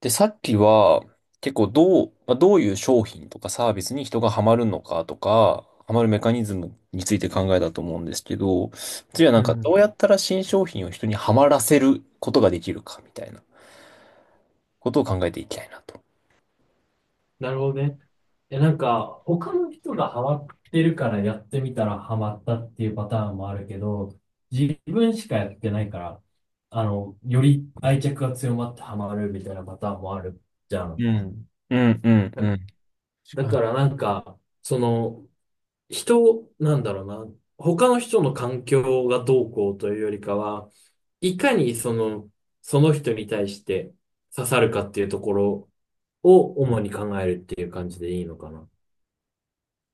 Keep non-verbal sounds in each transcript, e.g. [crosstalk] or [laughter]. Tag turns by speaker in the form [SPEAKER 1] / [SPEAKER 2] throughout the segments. [SPEAKER 1] で、さっきは、結構どう、どういう商品とかサービスに人がハマるのかとか、ハマるメカニズムについて考えたと思うんですけど、次は
[SPEAKER 2] うん。
[SPEAKER 1] どうやったら新商品を人にハマらせることができるかみたいなことを考えていきたいなと。
[SPEAKER 2] なるほどね。なんか、他の人がハマってるからやってみたらハマったっていうパターンもあるけど、自分しかやってないから、より愛着が強まってハマるみたいなパターンもあるじゃ
[SPEAKER 1] う
[SPEAKER 2] ん。
[SPEAKER 1] ん。うんうん
[SPEAKER 2] だ、
[SPEAKER 1] うん。確
[SPEAKER 2] だ
[SPEAKER 1] かに。
[SPEAKER 2] からなんか、その、なんだろうな、他の人の環境がどうこうというよりかは、いかにその、その人に対して刺さるかっていうところを主に考えるっていう感じでいいのかな。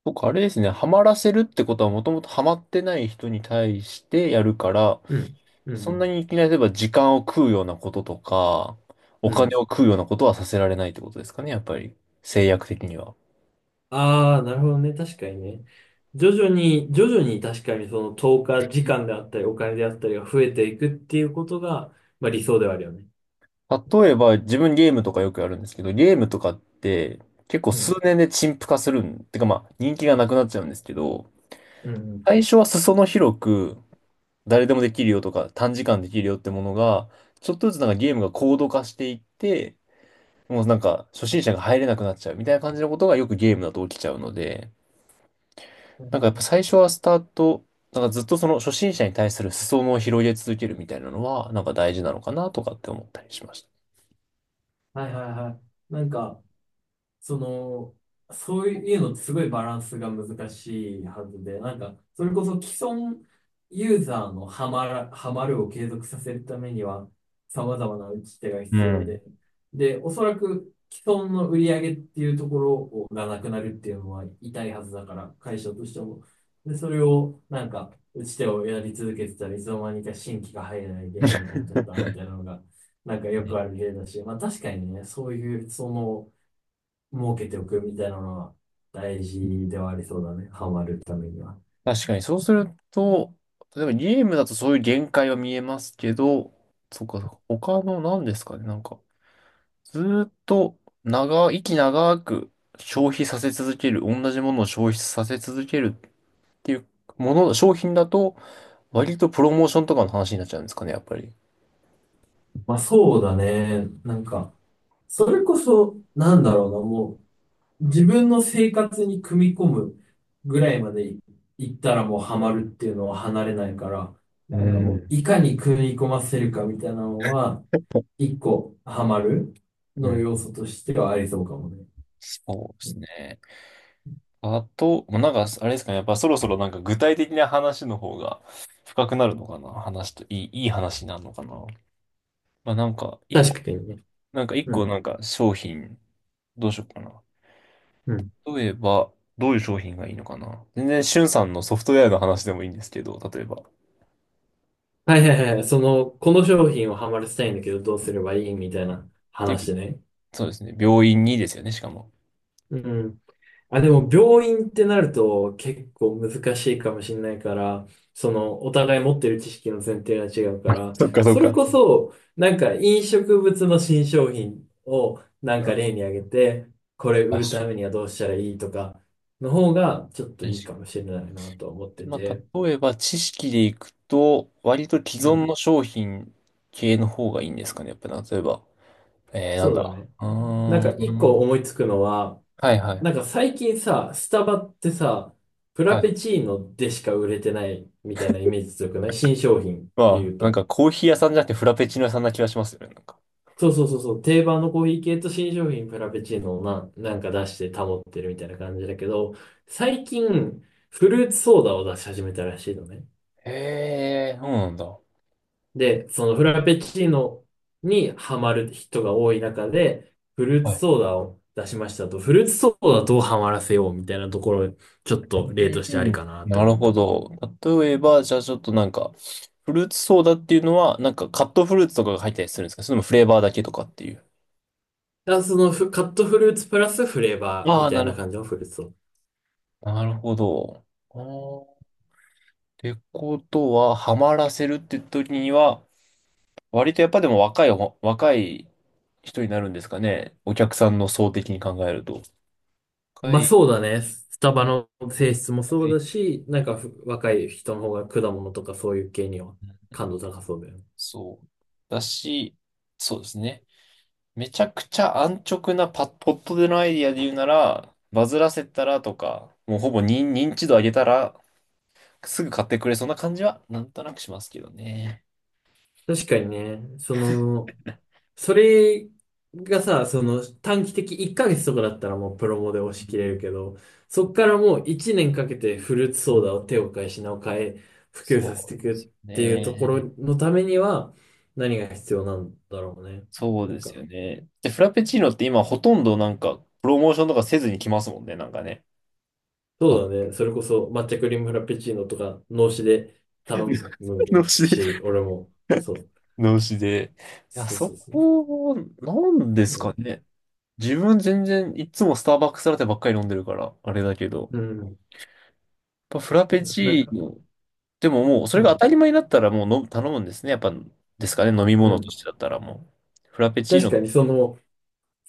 [SPEAKER 1] 僕あれですね、ハマらせるってことはもともとハマってない人に対してやるから、
[SPEAKER 2] うん、うん、う
[SPEAKER 1] そんな
[SPEAKER 2] ん。
[SPEAKER 1] にいきなり例えば時間を食うようなこととか、お
[SPEAKER 2] うん。
[SPEAKER 1] 金を食うようなことはさせられないってことですかね、やっぱり。制約的には。
[SPEAKER 2] ああ、なるほどね。確かにね。徐々に、徐々に確かにその投下時間であったり、お金であったりが増えていくっていうことが、まあ理想ではあるよね。
[SPEAKER 1] 例えば、自分ゲームとかよくやるんですけど、ゲームとかって結構
[SPEAKER 2] う
[SPEAKER 1] 数
[SPEAKER 2] ん、
[SPEAKER 1] 年で陳腐化するん、てかまあ人気がなくなっちゃうんですけど、
[SPEAKER 2] うん、
[SPEAKER 1] 最初は裾野広く誰でもできるよとか短時間できるよってものが、ちょっとずつゲームが高度化していって、もう初心者が入れなくなっちゃうみたいな感じのことがよくゲームだと起きちゃうので、
[SPEAKER 2] う
[SPEAKER 1] なんかやっ
[SPEAKER 2] ん。
[SPEAKER 1] ぱ最初はスタート、なんかずっとその初心者に対する裾野を広げ続けるみたいなのは、大事なのかなとかって思ったりしました。
[SPEAKER 2] はいはいはい。なんか、その、そういうのってすごいバランスが難しいはずで、なんか、それこそ既存ユーザーのハマるを継続させるためには、様々な打ち手が
[SPEAKER 1] う
[SPEAKER 2] 必要
[SPEAKER 1] ん。
[SPEAKER 2] で、で、おそらく既存の売り上げっていうところをがなくなるっていうのは痛いはずだから、会社としても。で、それを、なんか、打ち手をやり続けてたらいつの間にか新規が入らないゲームになっちゃったみたいなのが、なんかよくある例だし、まあ確かにね、そういう、その、儲けておくみたいなのは大事ではありそうだね。ハマるためには。
[SPEAKER 1] 確かにそうすると、例えばゲームだとそういう限界は見えますけど、そっか他の何ですかね、ずーっと長、息長く消費させ続ける、同じものを消費させ続けるっていうもの、商品だと、割とプロモーションとかの話になっちゃうんですかね、やっぱり。
[SPEAKER 2] まあそうだね。なんか、それこそ、なんだろうな、もう、自分の生活に組み込むぐらいまで行ったらもうハマるっていうのは離れないから、
[SPEAKER 1] う
[SPEAKER 2] なんかもう
[SPEAKER 1] ん。
[SPEAKER 2] いかに組み込ませるかみたいなのは、
[SPEAKER 1] [laughs]
[SPEAKER 2] 一個ハマる
[SPEAKER 1] う
[SPEAKER 2] の
[SPEAKER 1] ん
[SPEAKER 2] 要素としてはありそうかもね。
[SPEAKER 1] そうですね。あと、もうなんか、あれですかね。やっぱそろそろ具体的な話の方が深くなるのかな。話と、いい、いい話になるのかな。まあなんか、一個、
[SPEAKER 2] 確かにね。
[SPEAKER 1] なんか一
[SPEAKER 2] う
[SPEAKER 1] 個
[SPEAKER 2] ん。
[SPEAKER 1] なんか商品、どうしようかな。
[SPEAKER 2] うん。
[SPEAKER 1] 例えば、どういう商品がいいのかな。全然、しゅんさんのソフトウェアの話でもいいんですけど、例えば。っ
[SPEAKER 2] はいはいはい。その、この商品をハマらせたいんだけど、どうすればいいみたいな
[SPEAKER 1] ていう、
[SPEAKER 2] 話ね。
[SPEAKER 1] そうですね。病院にですよね、しかも。
[SPEAKER 2] うん。あ、でも病院ってなると結構難しいかもしれないから、そのお互い持ってる知識の前提が違うから、
[SPEAKER 1] そっかそっ
[SPEAKER 2] それ
[SPEAKER 1] か。
[SPEAKER 2] こそなんか飲食物の新商品をなんか例に挙げて、これ売
[SPEAKER 1] 確
[SPEAKER 2] るた
[SPEAKER 1] か
[SPEAKER 2] めにはどうしたらいいとかの方がちょっと
[SPEAKER 1] に。
[SPEAKER 2] いいかもしれないなと思って
[SPEAKER 1] まあ、
[SPEAKER 2] て。
[SPEAKER 1] 例えば知識でいくと、割と既
[SPEAKER 2] う
[SPEAKER 1] 存
[SPEAKER 2] ん、
[SPEAKER 1] の商品系の方がいいんですかね。やっぱ例えば、えー、なん
[SPEAKER 2] そうだ
[SPEAKER 1] だ。
[SPEAKER 2] ね。
[SPEAKER 1] う
[SPEAKER 2] なん
[SPEAKER 1] ー
[SPEAKER 2] か一個
[SPEAKER 1] ん。
[SPEAKER 2] 思いつくのは、
[SPEAKER 1] はいは
[SPEAKER 2] なん
[SPEAKER 1] い。
[SPEAKER 2] か最近さ、スタバってさ、プラ
[SPEAKER 1] は
[SPEAKER 2] ペ
[SPEAKER 1] い。
[SPEAKER 2] チーノでしか売れてないみたいなイメージ強くない新商品ってい
[SPEAKER 1] ま
[SPEAKER 2] う
[SPEAKER 1] あ、なん
[SPEAKER 2] と。
[SPEAKER 1] かコーヒー屋さんじゃなくてフラペチーノ屋さんな気がしますよね。なんか。
[SPEAKER 2] そうそうそうそう、定番のコーヒー系と新商品フラペチーノをなんか出して保ってるみたいな感じだけど、最近フルーツソーダを出し始めたらしいのね。
[SPEAKER 1] へえ、そうなんだ。
[SPEAKER 2] で、そのフラペチーノにハマる人が多い中で、フルー
[SPEAKER 1] は
[SPEAKER 2] ツ
[SPEAKER 1] い。
[SPEAKER 2] ソーダを出しましたと、フルーツソーダどうハマらせようみたいなところ、ちょっと例とし
[SPEAKER 1] う
[SPEAKER 2] てあり
[SPEAKER 1] ん。
[SPEAKER 2] かなって
[SPEAKER 1] な
[SPEAKER 2] 思
[SPEAKER 1] る
[SPEAKER 2] った。
[SPEAKER 1] ほ
[SPEAKER 2] だ
[SPEAKER 1] ど。例えば、じゃあちょっとなんか、フルーツソーダっていうのは、なんかカットフルーツとかが入ったりするんですかそれともフレーバーだけとかっていう。
[SPEAKER 2] からそのフカットフルーツプラスフレーバー
[SPEAKER 1] あ
[SPEAKER 2] み
[SPEAKER 1] あ、
[SPEAKER 2] たい
[SPEAKER 1] なる
[SPEAKER 2] な
[SPEAKER 1] ほ
[SPEAKER 2] 感じのフルーツソーダ。
[SPEAKER 1] ど。なるほど。あてことは、ハマらせるって時には、割とやっぱでも若いほ、若い人になるんですかね。お客さんの層的に考えると。若
[SPEAKER 2] まあ
[SPEAKER 1] い、
[SPEAKER 2] そうだね。スタバの性質もそ
[SPEAKER 1] 若
[SPEAKER 2] うだ
[SPEAKER 1] い
[SPEAKER 2] し、なん
[SPEAKER 1] と、
[SPEAKER 2] か若い人の方が果物とかそういう系には
[SPEAKER 1] うん
[SPEAKER 2] 感度高そうだよね。
[SPEAKER 1] そう。だし、そうですね。めちゃくちゃ安直なパ、ポットでのアイディアで言うなら、バズらせたらとか、もうほぼ認、認知度上げたら、すぐ買ってくれそうな感じは、なんとなくしますけどね。
[SPEAKER 2] 確かにね、その、それがさ、その短期的1ヶ月とかだったらもうプロモで押し
[SPEAKER 1] う
[SPEAKER 2] 切れ
[SPEAKER 1] ん
[SPEAKER 2] るけど、そっからもう1年かけてフルーツ
[SPEAKER 1] う
[SPEAKER 2] ソー
[SPEAKER 1] ん
[SPEAKER 2] ダを手を変え品を変え普及させ
[SPEAKER 1] そ
[SPEAKER 2] てい
[SPEAKER 1] うですよ
[SPEAKER 2] くっていうところ
[SPEAKER 1] ね。
[SPEAKER 2] のためには何が必要なんだろうね。
[SPEAKER 1] そう
[SPEAKER 2] な
[SPEAKER 1] で
[SPEAKER 2] ん
[SPEAKER 1] す
[SPEAKER 2] か
[SPEAKER 1] よね。で、フラペチーノって今ほとんどなんか、プロモーションとかせずに来ますもんね、なんかね。あ
[SPEAKER 2] そうだね。それこそ抹茶クリームフラペチーノとか、脳死で頼む
[SPEAKER 1] [laughs] 脳死で。
[SPEAKER 2] し、俺も、そう。
[SPEAKER 1] 脳死で。いや、
[SPEAKER 2] そう
[SPEAKER 1] そ
[SPEAKER 2] そうそう。
[SPEAKER 1] こは、なんで
[SPEAKER 2] う
[SPEAKER 1] すか
[SPEAKER 2] ん。
[SPEAKER 1] ね。自分全然いつもスターバックスラテばっかり飲んでるから、あれだけど。
[SPEAKER 2] うん。
[SPEAKER 1] やっぱフラペ
[SPEAKER 2] なん
[SPEAKER 1] チー
[SPEAKER 2] か、
[SPEAKER 1] ノ、でももうそれ
[SPEAKER 2] う
[SPEAKER 1] が当
[SPEAKER 2] ん。
[SPEAKER 1] たり前になったらもう頼むんですね。やっぱ、ですかね、飲み
[SPEAKER 2] う
[SPEAKER 1] 物と
[SPEAKER 2] ん。
[SPEAKER 1] してだったらもう。フラペチー
[SPEAKER 2] 確
[SPEAKER 1] ノ、
[SPEAKER 2] かにその、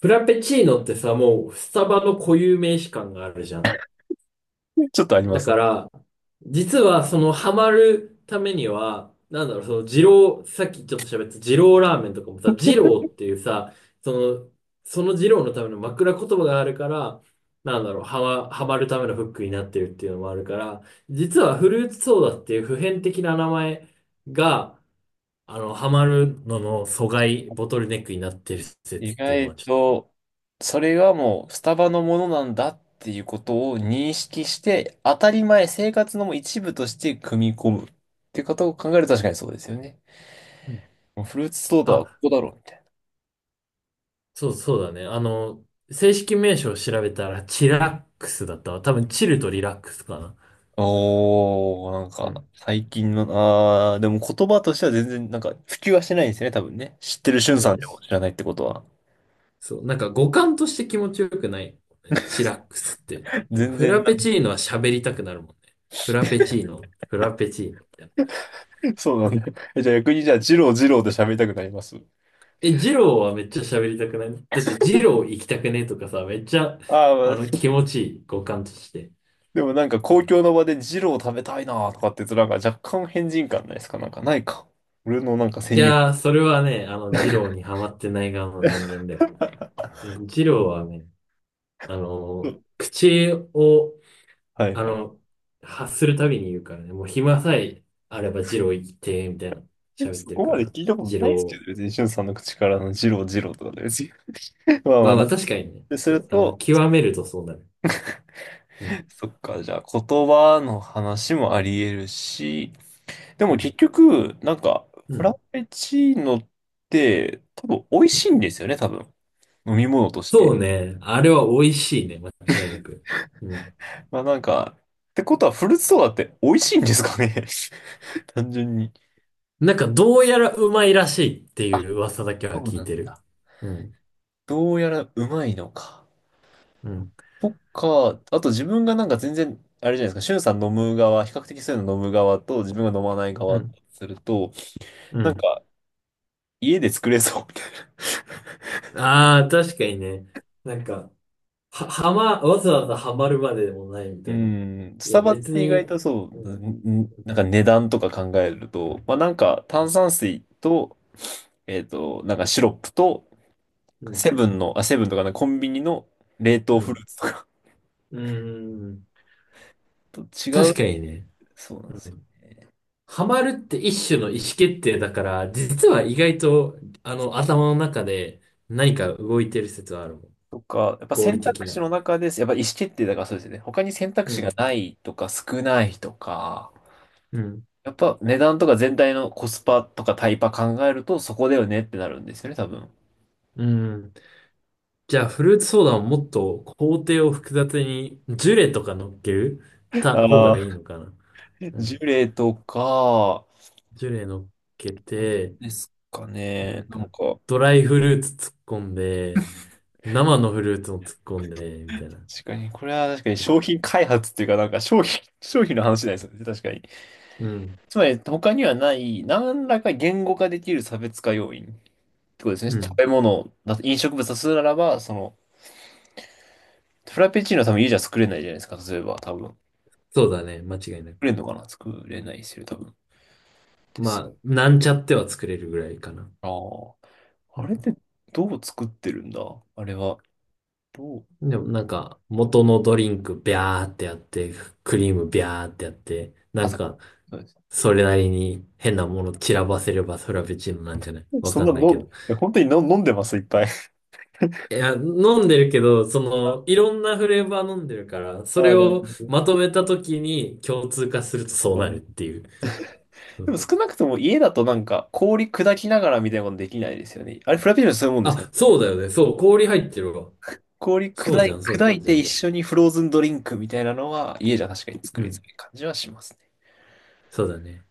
[SPEAKER 2] フラペチーノってさ、もう、スタバの固有名詞感があるじゃん。
[SPEAKER 1] ちょっとありま
[SPEAKER 2] だ
[SPEAKER 1] す
[SPEAKER 2] か
[SPEAKER 1] ね。
[SPEAKER 2] ら、実はそのハマるためには、なんだろう、その二郎、さっきちょっと喋った二郎ラーメンとかもさ、二郎っていうさ、その、その二郎のための枕言葉があるから、なんだろう、ハマるためのフックになってるっていうのもあるから、実はフルーツソーダっていう普遍的な名前が、あの、ハマるのの阻害、ボトルネックになってる
[SPEAKER 1] 意
[SPEAKER 2] 説っていうのは
[SPEAKER 1] 外
[SPEAKER 2] ちょっと、
[SPEAKER 1] と、それがもうスタバのものなんだっていうことを認識して、当たり前、生活のもう一部として組み込むっていうことを考えると確かにそうですよね。
[SPEAKER 2] うん。
[SPEAKER 1] もうフルーツソーダはこ
[SPEAKER 2] あ
[SPEAKER 1] こだろ、うみたいな。
[SPEAKER 2] そう、そうだね。あの、正式名称を調べたら、チラックスだったわ。多分、チルとリラックスかな。
[SPEAKER 1] おー、なん
[SPEAKER 2] う
[SPEAKER 1] か、
[SPEAKER 2] ん。
[SPEAKER 1] 最近の、あー、でも言葉としては全然、なんか、普及はしてないんですよね、多分ね。知ってるしゅんさ
[SPEAKER 2] う
[SPEAKER 1] ん
[SPEAKER 2] ん。
[SPEAKER 1] でも知らないってことは。
[SPEAKER 2] そう。なんか、語感として気持ちよくない。チラックスって。なんか、
[SPEAKER 1] 全
[SPEAKER 2] フ
[SPEAKER 1] 然
[SPEAKER 2] ラ
[SPEAKER 1] な
[SPEAKER 2] ペ
[SPEAKER 1] ん
[SPEAKER 2] チ
[SPEAKER 1] か、
[SPEAKER 2] ーノは喋りたくなるもんね。フラペチーノ、フラペチーノみたいな。
[SPEAKER 1] そうなんだ。えじゃあ逆に、じゃあ、ジロージローで喋りたくなります。
[SPEAKER 2] え、ジローはめっちゃ喋りたくないだって、ジロー行きたくねとかさ、めっちゃ、
[SPEAKER 1] あ
[SPEAKER 2] あ
[SPEAKER 1] あ、
[SPEAKER 2] の、気持ちいい、語感として。
[SPEAKER 1] でもなんか公共の場でジロー食べたいなとかって言うとなんか若干変人感ないですかなんかないか。俺のなんか
[SPEAKER 2] い
[SPEAKER 1] 先入観。
[SPEAKER 2] やー、それはね、あの、ジローにハマってない側の人間だよ。うん。ジローはね、あの、
[SPEAKER 1] [laughs]
[SPEAKER 2] 口を、
[SPEAKER 1] はい
[SPEAKER 2] あ
[SPEAKER 1] はい。
[SPEAKER 2] の、発するたびに言うからね、もう暇さえあれば二郎行って、みたいな、
[SPEAKER 1] え
[SPEAKER 2] 喋っ
[SPEAKER 1] そ
[SPEAKER 2] てる
[SPEAKER 1] こ
[SPEAKER 2] か
[SPEAKER 1] まで
[SPEAKER 2] ら、
[SPEAKER 1] 聞いたこ
[SPEAKER 2] 二
[SPEAKER 1] とないですけ
[SPEAKER 2] 郎。
[SPEAKER 1] ど、別にしゅんさんの口からのジロージローとかで別に。[laughs] まあま
[SPEAKER 2] ま
[SPEAKER 1] あ
[SPEAKER 2] あま
[SPEAKER 1] な。
[SPEAKER 2] あ確かにね、
[SPEAKER 1] です
[SPEAKER 2] そ
[SPEAKER 1] る
[SPEAKER 2] う、あの、
[SPEAKER 1] と、
[SPEAKER 2] 極めるとそうなる。うん、
[SPEAKER 1] そっか、じゃあ言葉の話もあり得るし、で
[SPEAKER 2] う
[SPEAKER 1] も
[SPEAKER 2] ん、
[SPEAKER 1] 結局、なんか、
[SPEAKER 2] う
[SPEAKER 1] フラ
[SPEAKER 2] ん。
[SPEAKER 1] ペチーノって多分美味しいんですよね、多分。飲み物として。
[SPEAKER 2] そうね、あれは美味しいね、間違いなく。うん。
[SPEAKER 1] まあなんか、ってことはフルーツソーダって美味しいんですかね [laughs] [laughs] 単純に。
[SPEAKER 2] なんかどうやらうまいらしいって
[SPEAKER 1] あ
[SPEAKER 2] いう噂だけは
[SPEAKER 1] そう
[SPEAKER 2] 聞い
[SPEAKER 1] なん
[SPEAKER 2] てる。
[SPEAKER 1] だ。
[SPEAKER 2] うん、
[SPEAKER 1] どうやらうまいのか。
[SPEAKER 2] うん、
[SPEAKER 1] そか。あと自分がなんか全然、あれじゃないですか、シュンさん飲む側、比較的そういうの飲む側と自分が飲まない
[SPEAKER 2] う
[SPEAKER 1] 側と
[SPEAKER 2] ん、
[SPEAKER 1] すると、
[SPEAKER 2] う
[SPEAKER 1] なん
[SPEAKER 2] ん。
[SPEAKER 1] か家で作れそうみたいな。
[SPEAKER 2] ああ、確かにね。なんか、は、はま、わざわざハマるまででもないみ
[SPEAKER 1] [laughs] う
[SPEAKER 2] たいな。
[SPEAKER 1] ん、ス
[SPEAKER 2] いや、
[SPEAKER 1] タバっ
[SPEAKER 2] 別
[SPEAKER 1] て意
[SPEAKER 2] に、
[SPEAKER 1] 外とそ
[SPEAKER 2] うん、
[SPEAKER 1] う、なんか値段とか考えると、まあなんか炭酸水と、えっと、なんかシロップと、
[SPEAKER 2] うん、
[SPEAKER 1] セブンとかね、コンビニの冷凍
[SPEAKER 2] う
[SPEAKER 1] フル
[SPEAKER 2] ん、
[SPEAKER 1] ーツとか
[SPEAKER 2] うーん。
[SPEAKER 1] [laughs] と違
[SPEAKER 2] 確
[SPEAKER 1] う。
[SPEAKER 2] かにね。
[SPEAKER 1] そうなんです
[SPEAKER 2] うん。
[SPEAKER 1] よね。
[SPEAKER 2] ハマるって一種の意思決定だから、実は意外と、あの、頭の中で何か動いてる説はあるもん。
[SPEAKER 1] とか、やっぱ
[SPEAKER 2] 合理
[SPEAKER 1] 選
[SPEAKER 2] 的
[SPEAKER 1] 択肢
[SPEAKER 2] な。
[SPEAKER 1] の中です。やっぱ意思決定だからそうですよね。他に選択
[SPEAKER 2] う
[SPEAKER 1] 肢
[SPEAKER 2] ん、
[SPEAKER 1] がないとか少ないとか、
[SPEAKER 2] うん、
[SPEAKER 1] やっぱ値段とか全体のコスパとかタイパ考えるとそこだよねってなるんですよね、多分。
[SPEAKER 2] うん。じゃあ、フルーツソーダをもっと工程を複雑に、ジュレとか乗っけるた方
[SPEAKER 1] あ
[SPEAKER 2] が
[SPEAKER 1] あ、
[SPEAKER 2] いいのかな。
[SPEAKER 1] [laughs]
[SPEAKER 2] う
[SPEAKER 1] ジュ
[SPEAKER 2] ん。
[SPEAKER 1] レとか、
[SPEAKER 2] ジュレ乗っけ
[SPEAKER 1] なん
[SPEAKER 2] て、
[SPEAKER 1] ですか
[SPEAKER 2] な
[SPEAKER 1] ね。
[SPEAKER 2] ん
[SPEAKER 1] なん
[SPEAKER 2] か、
[SPEAKER 1] か、
[SPEAKER 2] ドライフルーツ突っ込んで、生のフルーツも突っ込んで、みたいな。
[SPEAKER 1] 確かに、これは確かに
[SPEAKER 2] なん
[SPEAKER 1] 商
[SPEAKER 2] か、
[SPEAKER 1] 品開発っていうか、なんか商品、[laughs] 商品の話じゃないですよね、確かに。
[SPEAKER 2] うん、
[SPEAKER 1] つまり他にはない何らか言語化できる差別化要因ってことですね。
[SPEAKER 2] う
[SPEAKER 1] 食
[SPEAKER 2] ん。
[SPEAKER 1] べ物だと飲食物だとするならば、その、フラペチーノは多分家じゃ作れないじゃないですか、例えば多分。
[SPEAKER 2] そうだね、間違いなく。
[SPEAKER 1] 作れないですよ、多分。で
[SPEAKER 2] ま
[SPEAKER 1] す
[SPEAKER 2] あ、なんちゃっては作れるぐらいかな。
[SPEAKER 1] ああ。
[SPEAKER 2] う
[SPEAKER 1] あれっ
[SPEAKER 2] ん。
[SPEAKER 1] てどう作ってるんだあれは。どう
[SPEAKER 2] でもなんか、元のドリンクビャーってやって、クリームビャーってやって、な
[SPEAKER 1] あ、
[SPEAKER 2] んか、
[SPEAKER 1] そうです。
[SPEAKER 2] それなりに変なもの散らばせればそれは別チーノなんじゃないわ
[SPEAKER 1] そん
[SPEAKER 2] か
[SPEAKER 1] な
[SPEAKER 2] んないけど。
[SPEAKER 1] の、え、本当にの飲んでます、いっぱい。
[SPEAKER 2] いや、飲んでるけど、そ
[SPEAKER 1] あ
[SPEAKER 2] の、いろんなフレーバー飲んでるから、そ
[SPEAKER 1] あ
[SPEAKER 2] れ
[SPEAKER 1] ー、なる
[SPEAKER 2] を
[SPEAKER 1] ほど。
[SPEAKER 2] まとめたときに共通化するとそう
[SPEAKER 1] あ
[SPEAKER 2] なるっ
[SPEAKER 1] ー
[SPEAKER 2] ていう。そ
[SPEAKER 1] でも
[SPEAKER 2] う。
[SPEAKER 1] 少なくとも家だとなんか氷砕きながらみたいなことできないですよね。あれフラペチーノってそういうもんですよ
[SPEAKER 2] あ、
[SPEAKER 1] ね。
[SPEAKER 2] そうだよね。そう、氷入ってるわ。
[SPEAKER 1] 氷
[SPEAKER 2] そう
[SPEAKER 1] 砕
[SPEAKER 2] じゃ
[SPEAKER 1] い、
[SPEAKER 2] ん、そう
[SPEAKER 1] 砕い
[SPEAKER 2] じ
[SPEAKER 1] て
[SPEAKER 2] ゃ
[SPEAKER 1] 一
[SPEAKER 2] ん。
[SPEAKER 1] 緒にフローズンドリンクみたいなのは家じゃ確かに
[SPEAKER 2] う
[SPEAKER 1] 作りづ
[SPEAKER 2] ん、
[SPEAKER 1] らい感じはしますね。
[SPEAKER 2] そうだね。